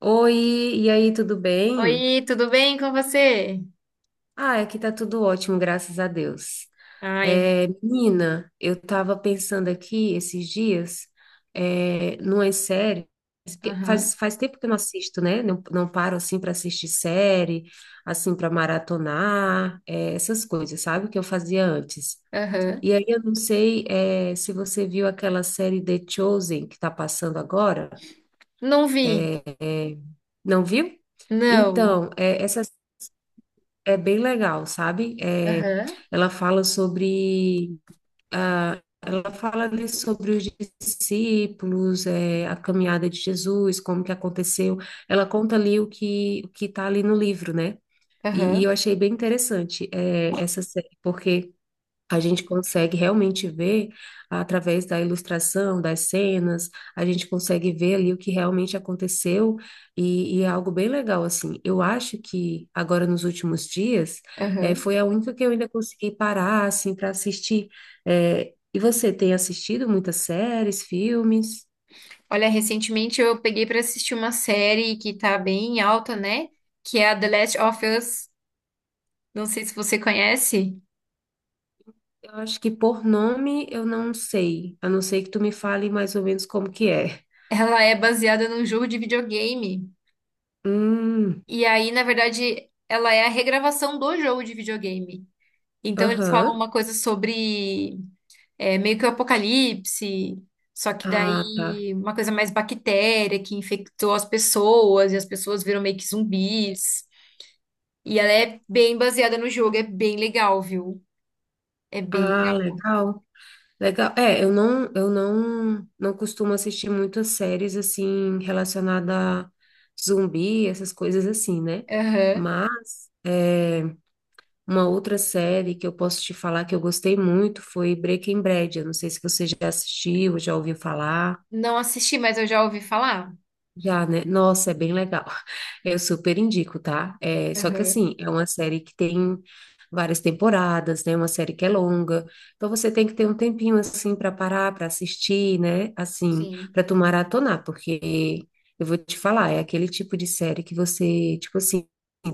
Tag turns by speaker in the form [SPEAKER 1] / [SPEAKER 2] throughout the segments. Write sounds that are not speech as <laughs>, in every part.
[SPEAKER 1] Oi, e aí, tudo bem?
[SPEAKER 2] Oi, tudo bem com você?
[SPEAKER 1] Ah, aqui tá tudo ótimo, graças a Deus.
[SPEAKER 2] Ai.
[SPEAKER 1] É, menina, eu tava pensando aqui esses dias, numas séries, porque
[SPEAKER 2] Aham,
[SPEAKER 1] faz tempo que eu não assisto, né? Não paro assim para assistir série, assim para maratonar, essas coisas, sabe? Que eu fazia antes.
[SPEAKER 2] aham.
[SPEAKER 1] E aí eu não sei, se você viu aquela série The Chosen que tá passando agora.
[SPEAKER 2] Não vi.
[SPEAKER 1] Não viu?
[SPEAKER 2] Não.
[SPEAKER 1] Então, essa é bem legal, sabe?
[SPEAKER 2] Aham,
[SPEAKER 1] Ela fala sobre ela fala ali sobre os discípulos, a caminhada de Jesus, como que aconteceu. Ela conta ali o que está ali no livro, né? E eu
[SPEAKER 2] aham,
[SPEAKER 1] achei bem interessante essa série, porque a gente consegue realmente ver através da ilustração, das cenas, a gente consegue ver ali o que realmente aconteceu e é algo bem legal, assim. Eu acho que agora nos últimos dias
[SPEAKER 2] aham.
[SPEAKER 1] foi a única que eu ainda consegui parar, assim, para assistir. E você tem assistido muitas séries, filmes?
[SPEAKER 2] Olha, recentemente eu peguei pra assistir uma série que tá bem alta, né? Que é a The Last of Us. Não sei se você conhece.
[SPEAKER 1] Eu acho que por nome eu não sei, a não ser que tu me fale mais ou menos como que é.
[SPEAKER 2] Ela é baseada num jogo de videogame.
[SPEAKER 1] Hum,
[SPEAKER 2] E aí, na verdade, ela é a regravação do jogo de videogame. Então, eles falam
[SPEAKER 1] aham.
[SPEAKER 2] uma coisa sobre. É meio que o apocalipse, só que
[SPEAKER 1] Ah, tá.
[SPEAKER 2] daí uma coisa mais bactéria que infectou as pessoas e as pessoas viram meio que zumbis. E ela é bem baseada no jogo, é bem legal, viu? É bem
[SPEAKER 1] Ah,
[SPEAKER 2] legal.
[SPEAKER 1] legal. Legal. É, eu não, não costumo assistir muitas séries assim relacionada a zumbi, essas coisas assim, né?
[SPEAKER 2] Aham.
[SPEAKER 1] Mas é, uma outra série que eu posso te falar que eu gostei muito foi Breaking Bad. Eu não sei se você já assistiu, já ouviu falar.
[SPEAKER 2] Não assisti, mas eu já ouvi falar.
[SPEAKER 1] Já, né? Nossa, é bem legal. <laughs> Eu super indico, tá? É, só que
[SPEAKER 2] Aham.
[SPEAKER 1] assim, é uma série que tem várias temporadas, né? Uma série que é longa. Então você tem que ter um tempinho assim para parar, para assistir, né? Assim,
[SPEAKER 2] Sim.
[SPEAKER 1] para tu maratonar, porque eu vou te falar, é aquele tipo de série que você, tipo assim,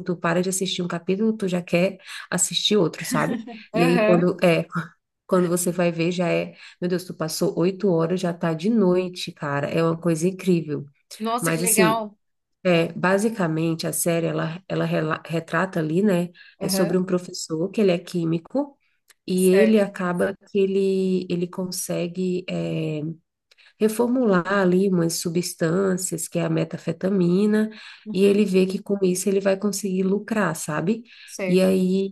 [SPEAKER 1] tu para de assistir um capítulo, tu já quer assistir outro, sabe? E aí
[SPEAKER 2] Aham.
[SPEAKER 1] <laughs> quando você vai ver já é, meu Deus, tu passou 8 horas, já tá de noite, cara. É uma coisa incrível.
[SPEAKER 2] Nossa, que
[SPEAKER 1] Mas assim,
[SPEAKER 2] legal.
[SPEAKER 1] é, basicamente a série retrata ali, né? É sobre
[SPEAKER 2] Aham.
[SPEAKER 1] um professor que ele é químico e ele
[SPEAKER 2] Certo.
[SPEAKER 1] acaba que ele consegue reformular ali umas substâncias, que é a metafetamina, e ele
[SPEAKER 2] Uhum.
[SPEAKER 1] vê que com isso ele vai conseguir lucrar, sabe? E
[SPEAKER 2] Certo.
[SPEAKER 1] aí,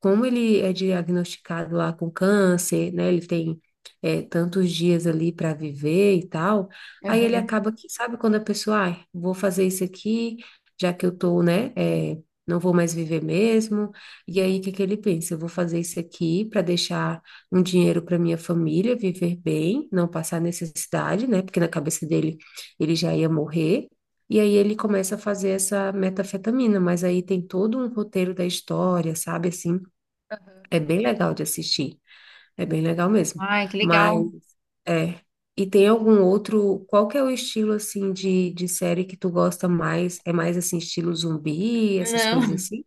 [SPEAKER 1] como ele é diagnosticado lá com câncer, né? Ele tem tantos dias ali para viver e tal. Aí ele
[SPEAKER 2] Aham.
[SPEAKER 1] acaba que, sabe, quando a pessoa, ah, vou fazer isso aqui, já que eu tô, não vou mais viver mesmo. E aí, o que que ele pensa? Eu vou fazer isso aqui para deixar um dinheiro para minha família viver bem, não passar necessidade, né? Porque na cabeça dele ele já ia morrer. E aí ele começa a fazer essa metafetamina, mas aí tem todo um roteiro da história, sabe? Assim,
[SPEAKER 2] Aham.
[SPEAKER 1] é bem legal de assistir, é bem legal mesmo.
[SPEAKER 2] Ai, que legal.
[SPEAKER 1] Mas é. E tem algum outro? Qual que é o estilo assim de série que tu gosta mais? É mais assim estilo zumbi, essas coisas
[SPEAKER 2] Não.
[SPEAKER 1] assim?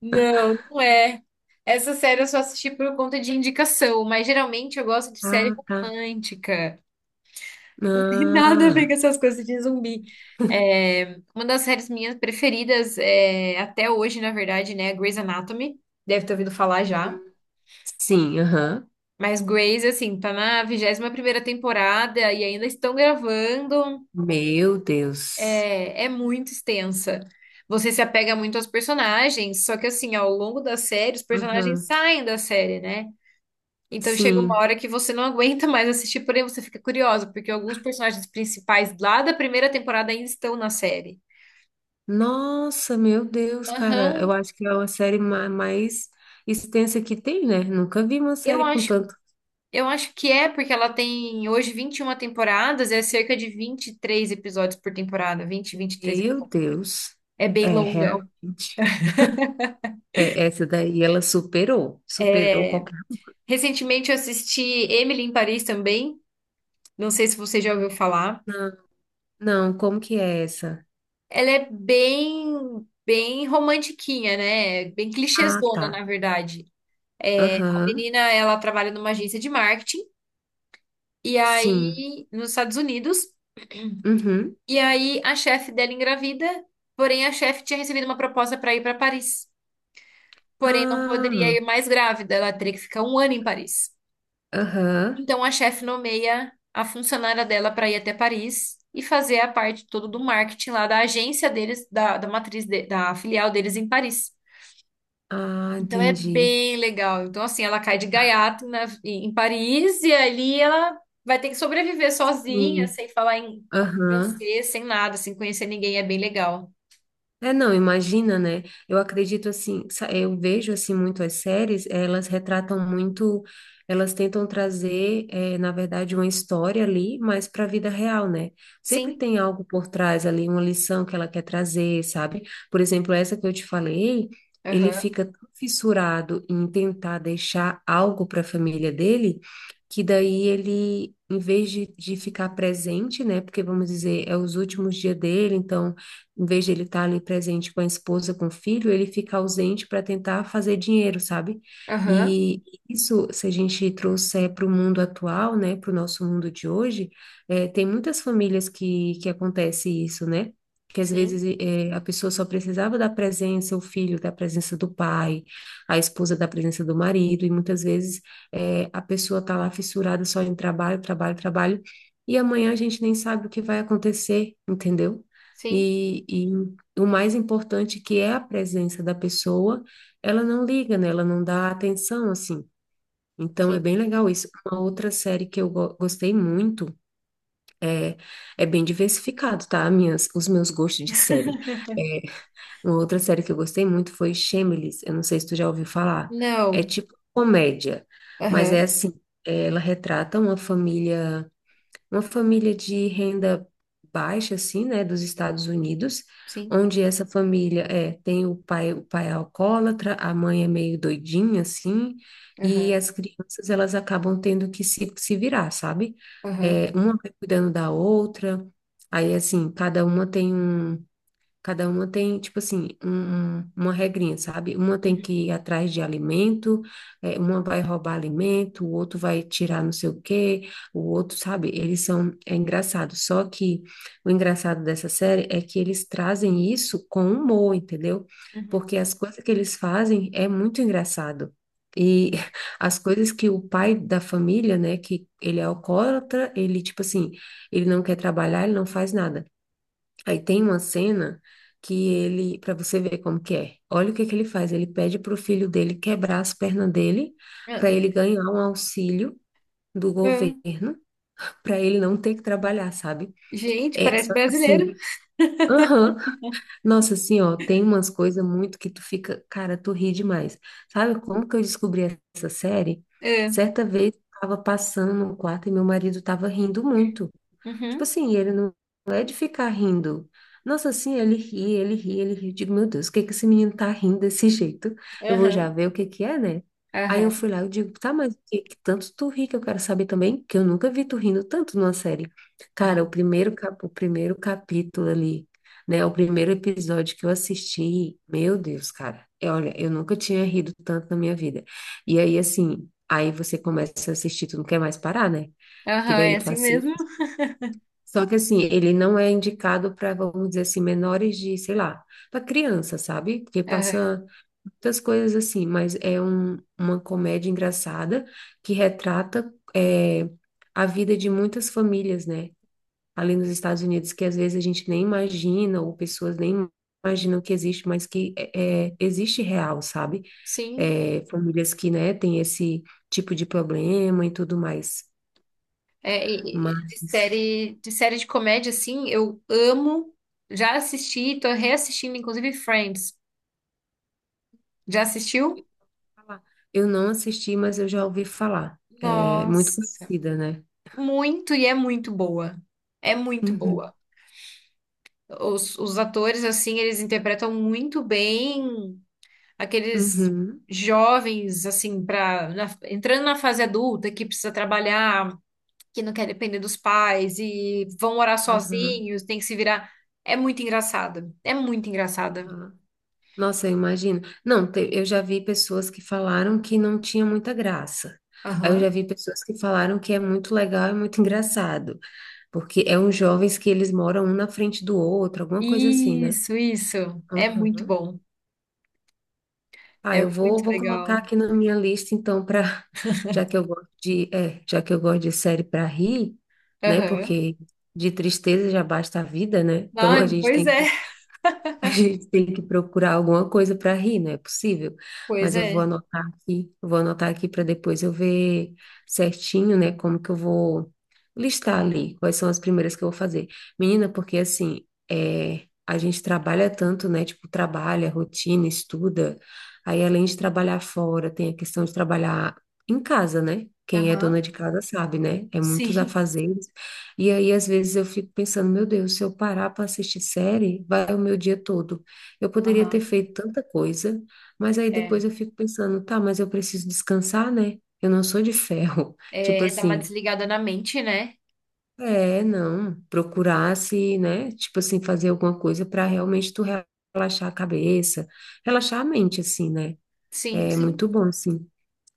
[SPEAKER 2] Não, não é. Essa série eu só assisti por conta de indicação, mas geralmente eu gosto de série
[SPEAKER 1] Ah, tá.
[SPEAKER 2] romântica. <laughs> Não tem nada a ver com
[SPEAKER 1] Ah,
[SPEAKER 2] essas coisas de zumbi. É, uma das séries minhas preferidas é, até hoje, na verdade, né? É Grey's Anatomy. Deve ter ouvido falar já.
[SPEAKER 1] sim, aham.
[SPEAKER 2] Mas Grey's, assim, tá na 21ª temporada e ainda estão gravando.
[SPEAKER 1] Meu Deus.
[SPEAKER 2] É muito extensa. Você se apega muito aos personagens, só que assim, ao longo da série, os personagens
[SPEAKER 1] Aham,
[SPEAKER 2] saem da série, né? Então chega uma
[SPEAKER 1] sim.
[SPEAKER 2] hora que você não aguenta mais assistir, porém você fica curiosa, porque alguns personagens principais lá da primeira temporada ainda estão na série.
[SPEAKER 1] Nossa, meu Deus, cara,
[SPEAKER 2] Aham.
[SPEAKER 1] eu acho que é uma mais extensa que tem, né? Nunca vi uma
[SPEAKER 2] Eu
[SPEAKER 1] série com
[SPEAKER 2] acho,
[SPEAKER 1] tanto.
[SPEAKER 2] eu acho que é, porque ela tem hoje 21 temporadas, é cerca de 23 episódios por temporada, 20, 23
[SPEAKER 1] Meu
[SPEAKER 2] episódios.
[SPEAKER 1] Deus,
[SPEAKER 2] É bem
[SPEAKER 1] é
[SPEAKER 2] longa.
[SPEAKER 1] realmente. É, essa daí ela superou, superou
[SPEAKER 2] É.
[SPEAKER 1] qualquer.
[SPEAKER 2] Recentemente eu assisti Emily em Paris também. Não sei se você já ouviu falar.
[SPEAKER 1] Não, não, como que é essa?
[SPEAKER 2] Ela é bem romantiquinha, né? Bem
[SPEAKER 1] Ah, tá.
[SPEAKER 2] clichêzona, na verdade. A
[SPEAKER 1] Aham,
[SPEAKER 2] menina, ela trabalha numa agência de marketing, e
[SPEAKER 1] sim.
[SPEAKER 2] aí, nos Estados Unidos,
[SPEAKER 1] Uhum.
[SPEAKER 2] e aí a chefe dela engravida, porém a chefe tinha recebido uma proposta para ir para Paris, porém não poderia
[SPEAKER 1] Ah,
[SPEAKER 2] ir mais grávida, ela teria que ficar um ano em Paris.
[SPEAKER 1] aham.
[SPEAKER 2] Então a chefe nomeia a funcionária dela para ir até Paris e fazer a parte toda do marketing lá da agência deles, da matriz, da filial deles em Paris.
[SPEAKER 1] Ah,
[SPEAKER 2] Então é
[SPEAKER 1] entendi.
[SPEAKER 2] bem legal. Então, assim, ela cai de gaiato em Paris e ali ela vai ter que sobreviver sozinha,
[SPEAKER 1] Sim.
[SPEAKER 2] sem falar em
[SPEAKER 1] Aham.
[SPEAKER 2] francês, sem nada, sem conhecer ninguém. É bem legal.
[SPEAKER 1] É, não, imagina, né? Eu acredito assim, eu vejo assim muito as séries, elas retratam muito, elas tentam trazer, na verdade, uma história ali, mas para a vida real, né? Sempre
[SPEAKER 2] Sim,
[SPEAKER 1] tem algo por trás ali, uma lição que ela quer trazer, sabe? Por exemplo, essa que eu te falei, ele
[SPEAKER 2] aham,
[SPEAKER 1] fica tão fissurado em tentar deixar algo para a família dele, que daí ele, em vez de ficar presente, né? Porque vamos dizer, é os últimos dias dele, então em vez de ele estar ali presente com a esposa, com o filho, ele fica ausente para tentar fazer dinheiro, sabe?
[SPEAKER 2] aham,
[SPEAKER 1] E isso, se a gente trouxer para o mundo atual, né, para o nosso mundo de hoje, é, tem muitas famílias que acontece isso, né? que às
[SPEAKER 2] sim,
[SPEAKER 1] vezes a pessoa só precisava da presença, o filho da presença do pai, a esposa da presença do marido, e muitas vezes a pessoa está lá fissurada só em trabalho, trabalho, trabalho, e amanhã a gente nem sabe o que vai acontecer, entendeu?
[SPEAKER 2] sim,
[SPEAKER 1] E o mais importante que é a presença da pessoa, ela não liga, né? Ela não dá atenção, assim. Então é
[SPEAKER 2] sim.
[SPEAKER 1] bem legal isso. Uma outra série que eu gostei muito é, é bem diversificado, tá? Minhas, os meus gostos de série.
[SPEAKER 2] <laughs>
[SPEAKER 1] É, uma outra série que eu gostei muito foi Shameless. Eu não sei se tu já ouviu falar. É
[SPEAKER 2] Não,
[SPEAKER 1] tipo comédia, mas é
[SPEAKER 2] aham,
[SPEAKER 1] assim, ela retrata uma família de renda baixa, assim, né, dos Estados Unidos,
[SPEAKER 2] sim,
[SPEAKER 1] onde essa família é, tem o pai é alcoólatra, a mãe é meio doidinha, assim, e
[SPEAKER 2] aham,
[SPEAKER 1] as crianças, elas acabam tendo que se virar, sabe?
[SPEAKER 2] aham.
[SPEAKER 1] É, uma vai cuidando da outra, aí, assim, Cada uma tem, tipo assim, uma regrinha, sabe? Uma tem
[SPEAKER 2] Uhum,
[SPEAKER 1] que ir atrás de alimento, uma vai roubar alimento, o outro vai tirar não sei o quê, o outro, sabe? Eles são, é engraçado. Só que o engraçado dessa série é que eles trazem isso com humor, entendeu?
[SPEAKER 2] uhum.
[SPEAKER 1] Porque as coisas que eles fazem é muito engraçado. E <laughs> as coisas que o pai da família, né, que ele é alcoólatra, ele, tipo assim, ele não quer trabalhar, ele não faz nada. Aí tem uma cena que ele, para você ver como que é. Olha o que que ele faz. Ele pede para o filho dele quebrar as pernas dele
[SPEAKER 2] Ah,
[SPEAKER 1] para ele ganhar um auxílio do
[SPEAKER 2] ah.
[SPEAKER 1] governo para ele não ter que trabalhar, sabe?
[SPEAKER 2] Gente,
[SPEAKER 1] É
[SPEAKER 2] parece
[SPEAKER 1] só que
[SPEAKER 2] brasileiro.
[SPEAKER 1] assim. Aham. Nossa, assim, ó, tem umas coisas muito que tu fica, cara, tu ri demais. Sabe como que eu descobri essa série?
[SPEAKER 2] Ah.
[SPEAKER 1] Certa vez eu tava passando no quarto e meu marido tava rindo muito. Tipo
[SPEAKER 2] Uhum.
[SPEAKER 1] assim, ele não não é de ficar rindo. Nossa, assim, ele ri. Eu digo, meu Deus, o que que esse menino tá rindo desse jeito? Eu vou já
[SPEAKER 2] Aham,
[SPEAKER 1] ver o que que é, né? Aí eu
[SPEAKER 2] aham,
[SPEAKER 1] fui lá, eu digo, tá, mas o que que tanto tu ri que eu quero saber também, que eu nunca vi tu rindo tanto numa série. Cara,
[SPEAKER 2] aham,
[SPEAKER 1] o primeiro capítulo ali, né? O primeiro episódio que eu assisti, meu Deus, cara. Olha, eu nunca tinha rido tanto na minha vida. E aí, assim, aí você começa a assistir, tu não quer mais parar, né? Porque
[SPEAKER 2] aham, é
[SPEAKER 1] daí tu
[SPEAKER 2] assim
[SPEAKER 1] assiste.
[SPEAKER 2] mesmo.
[SPEAKER 1] Só que assim, ele não é indicado para, vamos dizer assim, menores de, sei lá, para criança, sabe? Porque
[SPEAKER 2] Aham.
[SPEAKER 1] passa muitas coisas assim, mas é uma comédia engraçada que retrata a vida de muitas famílias, né? Ali nos Estados Unidos, que às vezes a gente nem imagina, ou pessoas nem imaginam que existe, mas é, existe real, sabe?
[SPEAKER 2] Sim.
[SPEAKER 1] É, famílias que, né, têm esse tipo de problema e tudo mais.
[SPEAKER 2] É, e de
[SPEAKER 1] Mas.
[SPEAKER 2] série, de série de comédia, assim, eu amo. Já assisti, tô reassistindo, inclusive, Friends. Já assistiu?
[SPEAKER 1] Falar. Eu não assisti, mas eu já ouvi falar. É muito
[SPEAKER 2] Nossa,
[SPEAKER 1] conhecida, né?
[SPEAKER 2] muito e é muito boa. É muito
[SPEAKER 1] Uhum,
[SPEAKER 2] boa. Os atores, assim, eles interpretam muito bem aqueles
[SPEAKER 1] uhum,
[SPEAKER 2] jovens, assim, entrando na fase adulta, que precisa trabalhar, que não quer depender dos pais e vão morar
[SPEAKER 1] aham,
[SPEAKER 2] sozinhos, tem que se virar. É muito engraçada. É muito engraçada.
[SPEAKER 1] aham. Nossa, eu imagino. Não, eu já vi pessoas que falaram que não tinha muita graça. Aí eu
[SPEAKER 2] Aham.
[SPEAKER 1] já vi pessoas que falaram que é muito legal e muito engraçado, porque é uns jovens que eles moram um na frente do outro, alguma coisa assim, né?
[SPEAKER 2] Isso, isso. É muito
[SPEAKER 1] Aham.
[SPEAKER 2] bom.
[SPEAKER 1] Ah,
[SPEAKER 2] É muito
[SPEAKER 1] vou colocar
[SPEAKER 2] legal.
[SPEAKER 1] aqui na minha lista, então, para <laughs> já que eu gosto de, é, já que eu gosto de série para rir, né?
[SPEAKER 2] Aham.
[SPEAKER 1] Porque de tristeza já basta a vida, né? Então
[SPEAKER 2] Ah, pois é.
[SPEAKER 1] a gente tem que procurar alguma coisa para rir, não é possível.
[SPEAKER 2] Pois
[SPEAKER 1] Mas
[SPEAKER 2] é.
[SPEAKER 1] eu vou anotar aqui para depois eu ver certinho, né, como que eu vou listar ali, quais são as primeiras que eu vou fazer. Menina, porque assim, é, a gente trabalha tanto, né, tipo, trabalha, rotina, estuda. Aí além de trabalhar fora, tem a questão de trabalhar em casa, né? Quem é dona
[SPEAKER 2] Aham.
[SPEAKER 1] de casa sabe, né? É muitos
[SPEAKER 2] Sim.
[SPEAKER 1] afazeres. E aí, às vezes, eu fico pensando, meu Deus, se eu parar para assistir série, vai o meu dia todo. Eu poderia ter
[SPEAKER 2] Aham.
[SPEAKER 1] feito tanta coisa, mas aí
[SPEAKER 2] É.
[SPEAKER 1] depois eu fico pensando, tá, mas eu preciso descansar, né? Eu não sou de ferro. <laughs> Tipo
[SPEAKER 2] É, dá uma
[SPEAKER 1] assim,
[SPEAKER 2] desligada na mente, né?
[SPEAKER 1] é, não, procurar se, né? Tipo assim, fazer alguma coisa para realmente tu relaxar a cabeça, relaxar a mente, assim, né?
[SPEAKER 2] Sim,
[SPEAKER 1] É
[SPEAKER 2] sim.
[SPEAKER 1] muito bom, sim.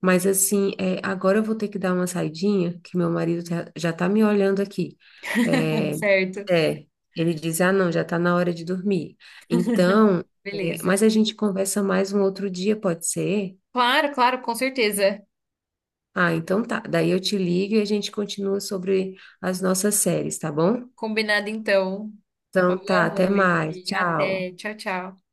[SPEAKER 1] Mas assim, é, agora eu vou ter que dar uma saidinha, que meu já tá me olhando aqui.
[SPEAKER 2] <laughs>
[SPEAKER 1] É,
[SPEAKER 2] Certo.
[SPEAKER 1] é, ele diz, ah, não, já tá na hora de dormir. Então, é,
[SPEAKER 2] Beleza.
[SPEAKER 1] mas a gente conversa mais um outro dia, pode ser?
[SPEAKER 2] Claro, claro, com certeza.
[SPEAKER 1] Ah, então tá. Daí eu te ligo e a gente continua sobre as nossas séries, tá bom?
[SPEAKER 2] Combinado então. Uma
[SPEAKER 1] Então
[SPEAKER 2] boa
[SPEAKER 1] tá, até
[SPEAKER 2] noite.
[SPEAKER 1] mais. Tchau.
[SPEAKER 2] Até. Tchau, tchau.